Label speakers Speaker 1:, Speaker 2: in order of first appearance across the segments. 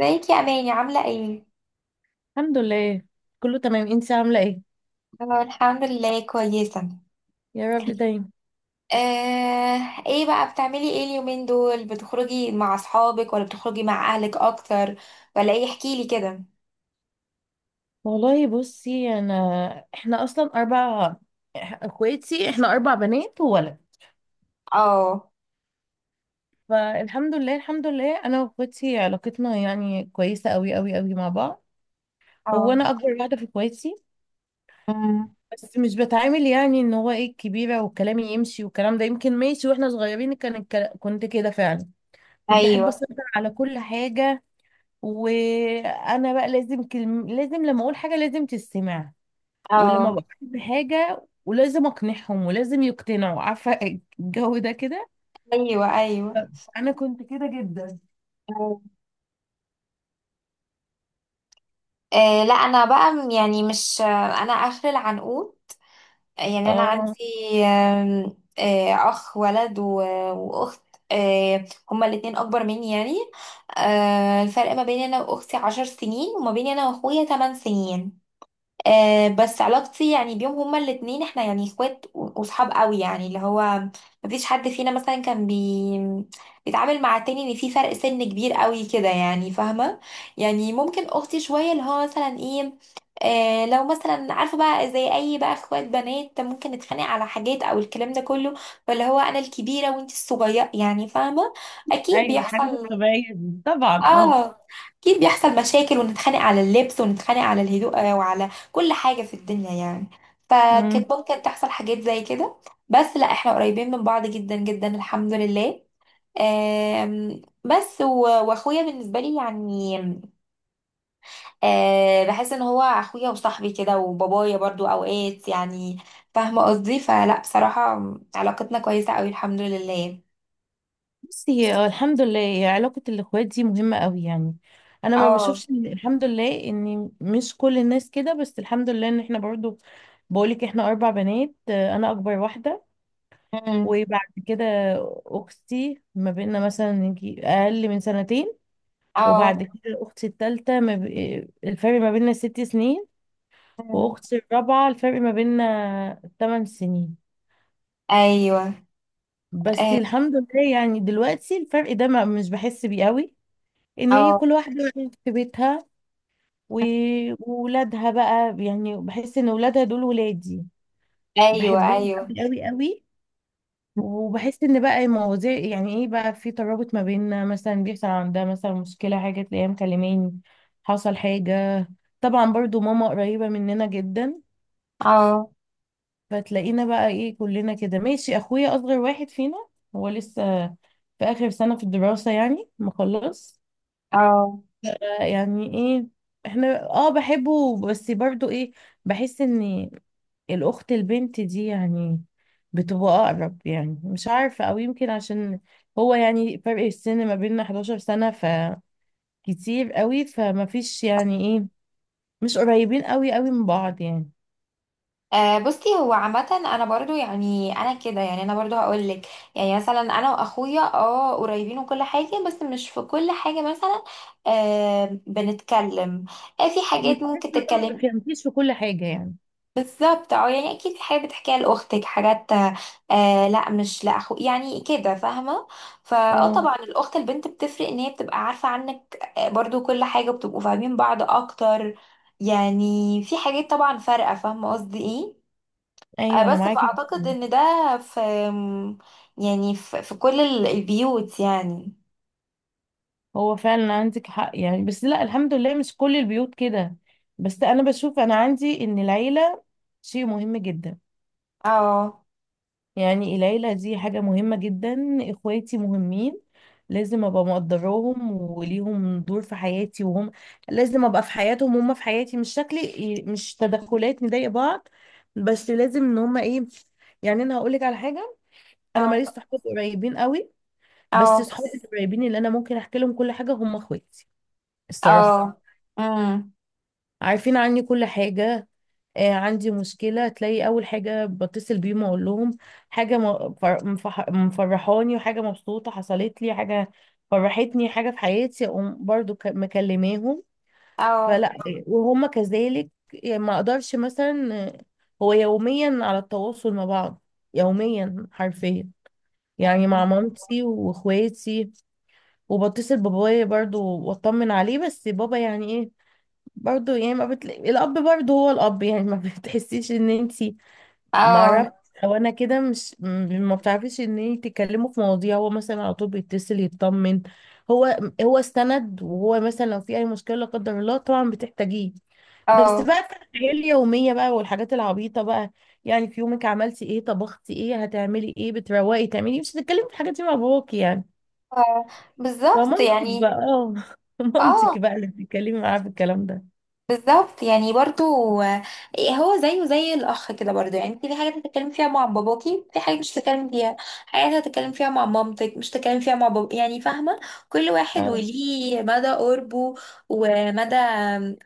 Speaker 1: ازيك يا اماني عامله ايه؟
Speaker 2: الحمد لله، كله تمام. انت عامله ايه؟
Speaker 1: أنا الحمد لله كويسه.
Speaker 2: يا رب دايما.
Speaker 1: آه، ايه بقى بتعملي ايه اليومين دول؟ بتخرجي مع اصحابك ولا بتخرجي مع اهلك اكتر؟ ولا ايه، احكيلي كده.
Speaker 2: والله بصي انا، احنا اصلا اربع اخواتي. احنا اربع بنات وولد.
Speaker 1: اه.
Speaker 2: فالحمد لله، الحمد لله انا واخواتي علاقتنا يعني كويسه قوي قوي قوي مع بعض. هو
Speaker 1: اه.
Speaker 2: انا اكبر واحده في اخواتي.
Speaker 1: أمم،
Speaker 2: بس مش بتعامل يعني ان هو ايه الكبيره وكلامي يمشي، والكلام ده يمكن ماشي واحنا صغيرين. كان كنت كده فعلا. كنت احب
Speaker 1: ايوه.
Speaker 2: اسيطر على كل حاجه. وانا بقى لازم لازم لما اقول حاجه لازم تستمع. ولما
Speaker 1: اه.
Speaker 2: بقترح بحاجة ولازم اقنعهم ولازم يقتنعوا، عارفة؟ الجو ده كده.
Speaker 1: ايوه. ايوه.
Speaker 2: انا كنت كده جدا.
Speaker 1: آه، لا انا بقى يعني مش. انا اخر العنقود، يعني انا عندي
Speaker 2: اه،
Speaker 1: آم، آه، اخ ولد واخت. آه، هما الاتنين اكبر مني يعني. آه، الفرق ما بين انا واختي 10 سنين، وما بين انا واخويا 8 سنين. آه، بس علاقتي يعني بيهم هما الاتنين احنا يعني اخوات وصحاب قوي، يعني اللي هو مفيش حد فينا مثلا بيتعامل مع التاني ان في فرق سن كبير قوي كده، يعني فاهمة. يعني ممكن اختي شوية اللي هو مثلا ايه، آه لو مثلا عارفة بقى زي اي بقى اخوات بنات ممكن نتخانق على حاجات او الكلام ده كله. فاللي هو انا الكبيرة وانت الصغيرة، يعني فاهمة. اكيد
Speaker 2: ايوه، الحاجات
Speaker 1: بيحصل.
Speaker 2: الطبيعية دي طبعا اه
Speaker 1: اه، اكيد بيحصل مشاكل، ونتخانق على اللبس، ونتخانق على الهدوء، وعلى كل حاجة في الدنيا يعني.
Speaker 2: أمم.
Speaker 1: فكانت ممكن تحصل حاجات زي كده. بس لا، احنا قريبين من بعض جدا جدا الحمد لله. بس واخويا بالنسبة لي يعني، آه، بحس ان هو اخويا وصاحبي كده، وبابايا برضو اوقات يعني. فاهمة قصدي؟ فلا، بصراحة علاقتنا كويسة قوي الحمد لله.
Speaker 2: بصي، هو الحمد لله هي علاقة الاخوات دي مهمة قوي يعني. انا ما
Speaker 1: اه.
Speaker 2: بشوفش الحمد لله ان مش كل الناس كده، بس الحمد لله ان احنا برضو. بقولك احنا اربع بنات، انا اكبر واحدة.
Speaker 1: مم.
Speaker 2: وبعد كده اختي ما بيننا مثلا يجي اقل من سنتين. وبعد
Speaker 1: اه.
Speaker 2: كده اختي التالتة ما ب... الفرق ما بيننا 6 سنين.
Speaker 1: مم.
Speaker 2: واختي الرابعة الفرق ما بيننا 8 سنين.
Speaker 1: ايوه.
Speaker 2: بس الحمد لله يعني دلوقتي الفرق ده ما مش بحس بيه قوي. ان ايه
Speaker 1: اه.
Speaker 2: كل واحدة في بيتها و- وولادها بقى، يعني بحس ان ولادها دول ولادي.
Speaker 1: ايوه.
Speaker 2: بحبهم
Speaker 1: ايوه.
Speaker 2: قوي قوي قوي. وبحس ان بقى المواضيع يعني ايه بقى في ترابط ما بيننا. مثلا بيحصل عندها مثلا مشكلة، حاجة تلاقيها مكلماني حصل حاجة. طبعا برضو ماما قريبة مننا جدا.
Speaker 1: اه.
Speaker 2: فتلاقينا بقى ايه كلنا كده ماشي. اخويا اصغر واحد فينا، هو لسه في اخر سنة في الدراسة يعني مخلص.
Speaker 1: اه.
Speaker 2: يعني ايه، احنا بحبه بس برضو ايه. بحس ان الاخت البنت دي يعني بتبقى اقرب، يعني مش عارفة، او يمكن عشان هو يعني فرق السن ما بيننا 11 سنة، فكتير قوي. فما فيش يعني ايه، مش قريبين قوي قوي من بعض يعني.
Speaker 1: آه، بصي هو عامة انا برضو، يعني انا كده، يعني انا برضو هقول لك، يعني مثلا انا واخويا اه قريبين وكل حاجة، بس مش في كل حاجة مثلا. آه بنتكلم، آه في
Speaker 2: مش
Speaker 1: حاجات
Speaker 2: بحس
Speaker 1: ممكن
Speaker 2: ان هم ما
Speaker 1: تتكلمي.
Speaker 2: بيفهمكيش في كل حاجة يعني.
Speaker 1: بالظبط، اه، يعني اكيد في حاجات بتحكيها لاختك، حاجات آه لا مش لاخوك، يعني كده فاهمه. فاه
Speaker 2: اه،
Speaker 1: طبعا الاخت البنت بتفرق، ان هي بتبقى عارفه عنك، آه، برضو كل حاجه بتبقوا فاهمين بعض اكتر. يعني في حاجات طبعا فارقه، فاهمه قصدي ايه. آه،
Speaker 2: ايوه، انا
Speaker 1: بس
Speaker 2: معاكي
Speaker 1: فاعتقد
Speaker 2: جدا.
Speaker 1: ان ده في، يعني في كل البيوت يعني.
Speaker 2: هو فعلا عندك حق يعني، بس لا الحمد لله مش كل البيوت كده. بس انا بشوف، انا عندي ان العيله شيء مهم جدا.
Speaker 1: اه.
Speaker 2: يعني العيله دي حاجه مهمه جدا، اخواتي مهمين. لازم ابقى مقدراهم وليهم دور في حياتي، وهم لازم ابقى في حياتهم وهم في حياتي. مش شكلي مش تدخلات نضايق بعض، بس لازم ان هم ايه. يعني انا هقول لك على حاجه، انا ماليش
Speaker 1: اه.
Speaker 2: صحاب قريبين قوي. بس
Speaker 1: اه.
Speaker 2: صحابي القريبين اللي انا ممكن احكي لهم كل حاجه هم اخواتي، الصراحة.
Speaker 1: اه. امم.
Speaker 2: عارفين عني كل حاجة. آه، عندي مشكلة تلاقي أول حاجة بتصل بيهم أقول لهم. حاجة مفرحاني، وحاجة مبسوطة حصلت لي، حاجة فرحتني حاجة في حياتي أقوم برضو مكلماهم.
Speaker 1: اه.
Speaker 2: فلا، وهم كذلك. يعني ما أقدرش مثلا. هو يوميا على التواصل مع بعض، يوميا حرفيا، يعني مع مامتي واخواتي. وبتصل بابايا برضو واطمن عليه، بس بابا يعني. برضه يعني ما بتلاقي الاب برضه هو الاب، يعني ما بتحسيش ان انتي،
Speaker 1: اه.
Speaker 2: معرفش،
Speaker 1: اه.
Speaker 2: او انا كده مش ما بتعرفيش ان انتي تتكلموا في مواضيع. هو مثلا على طول بيتصل يطمن. هو هو استند، وهو مثلا لو في اي مشكله لا قدر الله طبعا بتحتاجيه. بس
Speaker 1: آه.
Speaker 2: بقى في الحياه اليوميه بقى، والحاجات العبيطه بقى، يعني في يومك عملتي ايه، طبختي ايه، هتعملي ايه، بتروقي تعملي إيه؟ مش هتتكلمي في الحاجات دي مع باباكي يعني.
Speaker 1: آه، بالظبط
Speaker 2: فمامتك
Speaker 1: يعني.
Speaker 2: بقى اه
Speaker 1: اه،
Speaker 2: مامتك بقى اللي بتتكلمي معاها في الكلام
Speaker 1: بالظبط يعني، برضو آه، هو زيه زي الاخ كده برضو، يعني انت في حاجات هتتكلمي فيها مع باباكي، في حاجات مش هتتكلمي فيها، حاجات هتتكلم فيها مع مامتك مش هتتكلم فيها مع بابا، يعني فاهمه. كل واحد
Speaker 2: ده.
Speaker 1: وليه مدى قربه ومدى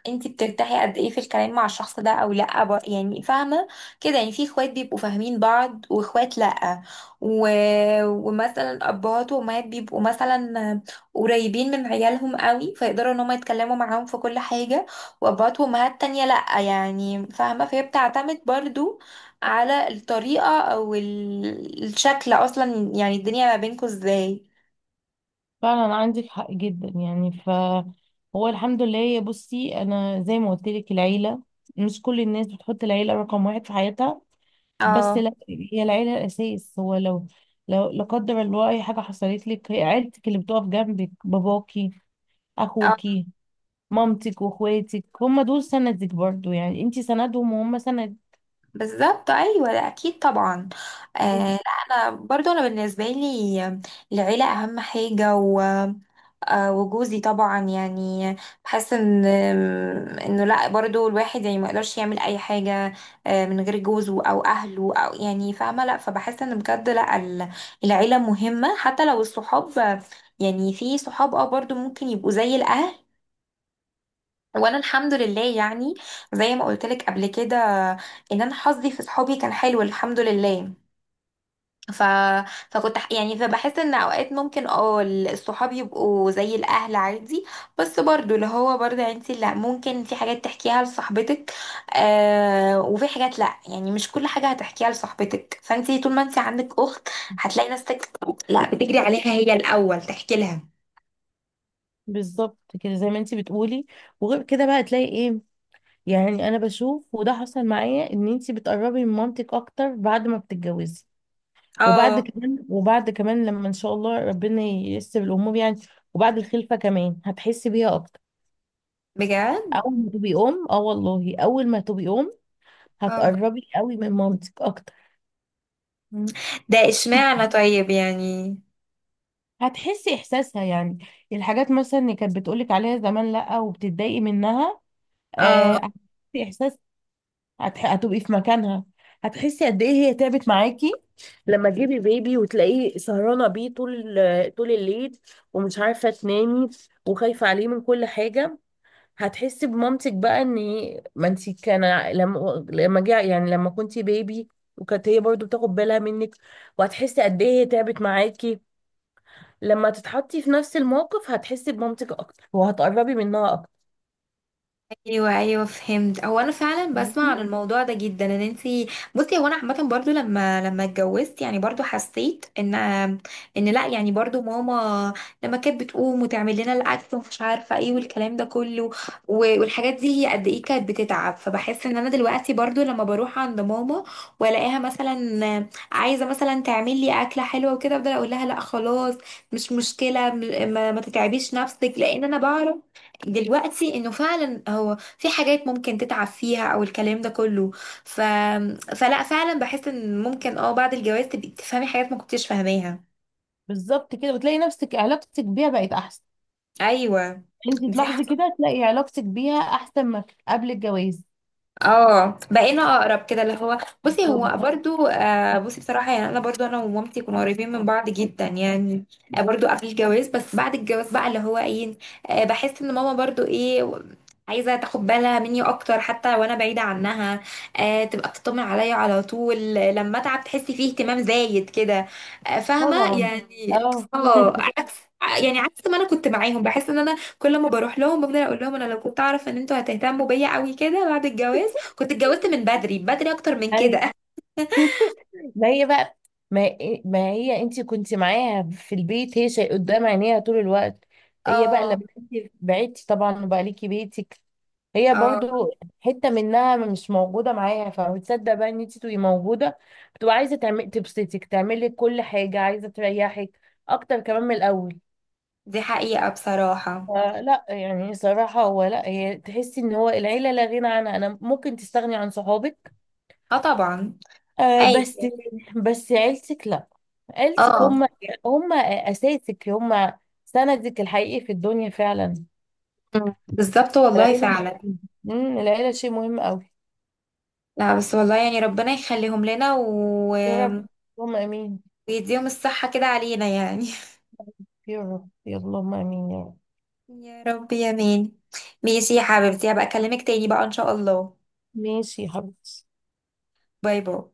Speaker 1: انت بترتاحي قد ايه في الكلام مع الشخص ده او لا، يعني فاهمه كده. يعني في اخوات بيبقوا فاهمين بعض واخوات لا. و... ومثلا ابهات وامهات بيبقوا مثلا قريبين من عيالهم قوي، فيقدروا ان هم يتكلموا معاهم في كل حاجه، وابهات وامهات تانية لأ، يعني فاهمة. فهي بتعتمد برضو على الطريقة او الشكل اصلا، يعني الدنيا ما بينكوا ازاي.
Speaker 2: فعلا عندك حق جدا يعني. هو الحمد لله، يا بصي انا زي ما قلت لك، العيله. مش كل الناس بتحط العيله رقم واحد في حياتها، بس
Speaker 1: اه.
Speaker 2: لا، هي العيله الاساس. هو لو لا قدر الله اي حاجه حصلت لك، هي عيلتك اللي بتقف جنبك. باباكي،
Speaker 1: اه.
Speaker 2: اخوكي، مامتك واخواتك هم دول سندك برضو. يعني انت سندهم وهم سند.
Speaker 1: بالظبط، ايوه، ده اكيد طبعا. آه، لا انا برضو انا بالنسبه لي العيله اهم حاجه، و آه وجوزي طبعا يعني. بحس ان انه لا برضو الواحد يعني ما يقدرش يعمل اي حاجه آه من غير جوزه او اهله، او يعني فاهمه. لا، فبحس ان بجد لا العيله مهمه، حتى لو الصحاب، يعني في صحاب اه برضو ممكن يبقوا زي الاهل. وانا الحمد لله يعني، زي ما قلت لك قبل كده، ان انا حظي في صحابي كان حلو الحمد لله. ف... فكنت يعني فبحس ان اوقات ممكن اه الصحاب يبقوا زي الاهل عادي. بس برضو اللي هو برضو انت لا ممكن في حاجات تحكيها لصاحبتك، آه وفي حاجات لا، يعني مش كل حاجة هتحكيها لصاحبتك، فانت طول ما انت عندك اخت هتلاقي نفسك لا بتجري عليها هي الاول تحكي لها.
Speaker 2: بالظبط كده، زي ما انت بتقولي. وغير كده بقى تلاقي ايه، يعني انا بشوف، وده حصل معايا، ان انتي بتقربي من مامتك اكتر بعد ما بتتجوزي. وبعد
Speaker 1: اه.
Speaker 2: كمان وبعد كمان لما ان شاء الله ربنا ييسر الامور يعني، وبعد الخلفه كمان هتحسي بيها اكتر.
Speaker 1: بجد.
Speaker 2: اول ما تبقي ام، اه والله، اول ما تبقي ام
Speaker 1: اه.
Speaker 2: هتقربي قوي من مامتك اكتر.
Speaker 1: مم. ده اشمعنى طيب يعني؟
Speaker 2: هتحسي احساسها يعني. الحاجات مثلا اللي كانت بتقولك عليها زمان لا وبتتضايقي منها، آه،
Speaker 1: اه،
Speaker 2: هتحسي، هتبقي في مكانها. هتحسي قد ايه هي تعبت معاكي لما تجيبي بيبي وتلاقيه سهرانه بيه طول الليل ومش عارفه تنامي وخايفه عليه من كل حاجه. هتحسي بمامتك بقى، ان ما انت كان، لما جه يعني لما كنتي بيبي، وكانت هي برضو بتاخد بالها منك. وهتحسي قد ايه هي تعبت معاكي لما تتحطي في نفس الموقف. هتحسي بمامتك اكتر وهتقربي منها اكتر.
Speaker 1: ايوه ايوه فهمت، هو انا فعلا بسمع
Speaker 2: فاهمني؟
Speaker 1: عن الموضوع ده جدا ان انتي. بصي هو انا عامه برضو لما اتجوزت يعني، برضو حسيت ان ان لا يعني برضو ماما، لما كانت بتقوم وتعمل لنا الاكل ومش عارفه ايه والكلام ده كله والحاجات دي، هي قد ايه كانت بتتعب. فبحس ان انا دلوقتي برضو لما بروح عند ماما والاقيها مثلا عايزه مثلا تعمل لي اكله حلوه وكده، افضل اقول لها لا خلاص مش مشكله، ما تتعبيش نفسك، لان انا بعرف دلوقتي انه فعلا هو في حاجات ممكن تتعب فيها او الكلام ده كله. ف... فلا فعلا بحس ان ممكن اه بعد الجواز تبقي تفهمي حاجات ما كنتيش فاهماها.
Speaker 2: بالظبط كده، وتلاقي نفسك علاقتك بيها بقت احسن.
Speaker 1: ايوه.
Speaker 2: انت
Speaker 1: دي.
Speaker 2: تلاحظي كده، تلاقي علاقتك بيها احسن ما قبل الجواز.
Speaker 1: اه، بقينا اقرب كده، اللي هو بصي
Speaker 2: بالظبط،
Speaker 1: هو مم. برضو. آه، بصي بصراحه يعني انا برضو انا ومامتي كنا قريبين من بعض جدا يعني. آه برضو قبل الجواز، بس بعد الجواز بقى اللي هو ايه، آه بحس ان ماما برضو ايه عايزه تاخد بالها مني اكتر حتى وانا بعيده عنها. آه تبقى بتطمن عليا على طول، لما اتعب تحسي فيه اهتمام زايد كده. آه فاهمه
Speaker 2: طبعا،
Speaker 1: يعني.
Speaker 2: اه.
Speaker 1: اه عكس، يعني عكس ما انا كنت معاهم. بحس ان انا كل ما بروح لهم بفضل اقول لهم انا لو كنت اعرف ان انتوا هتهتموا بيا قوي كده بعد الجواز كنت اتجوزت من بدري، بدري اكتر من
Speaker 2: ايوه،
Speaker 1: كده.
Speaker 2: ما هي بقى. ما هي انت كنت معاها في البيت، هي شيء قدام عينيها طول الوقت. هي بقى
Speaker 1: اه.
Speaker 2: لما انت بعدتي طبعا وبقى ليكي بيتك، هي
Speaker 1: اه.
Speaker 2: برضو حتة منها مش موجودة معاها. فبتصدق بقى ان انت تبقي موجودة، بتبقى عايزة تعمل تبسطك، تعملي كل حاجة، عايزة تريحك اكتر كمان من الاول.
Speaker 1: دي حقيقة بصراحة.
Speaker 2: فلا يعني صراحة، هو لا، هي تحسي ان هو العيلة لا غنى عنها. انا ممكن تستغني عن صحابك،
Speaker 1: اه طبعا.
Speaker 2: آه، بس
Speaker 1: عادي.
Speaker 2: بس عيلتك لا. عيلتك
Speaker 1: اه.
Speaker 2: هم، هم اساسك، هم سندك الحقيقي في الدنيا فعلا.
Speaker 1: مم. بالظبط والله
Speaker 2: العيلة
Speaker 1: فعلا.
Speaker 2: مهمة. العيلة شيء مهم قوي.
Speaker 1: لا بس والله يعني ربنا يخليهم لنا
Speaker 2: يا رب. اللهم امين.
Speaker 1: ويديهم الصحة كده علينا يعني.
Speaker 2: يا رب يا اللهم امين يا رب.
Speaker 1: يا رب يا مين. ماشي يا حبيبتي، هبقى اكلمك تاني بقى ان شاء الله.
Speaker 2: ماشي يا حبيبتي.
Speaker 1: باي باي.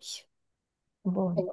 Speaker 2: باي.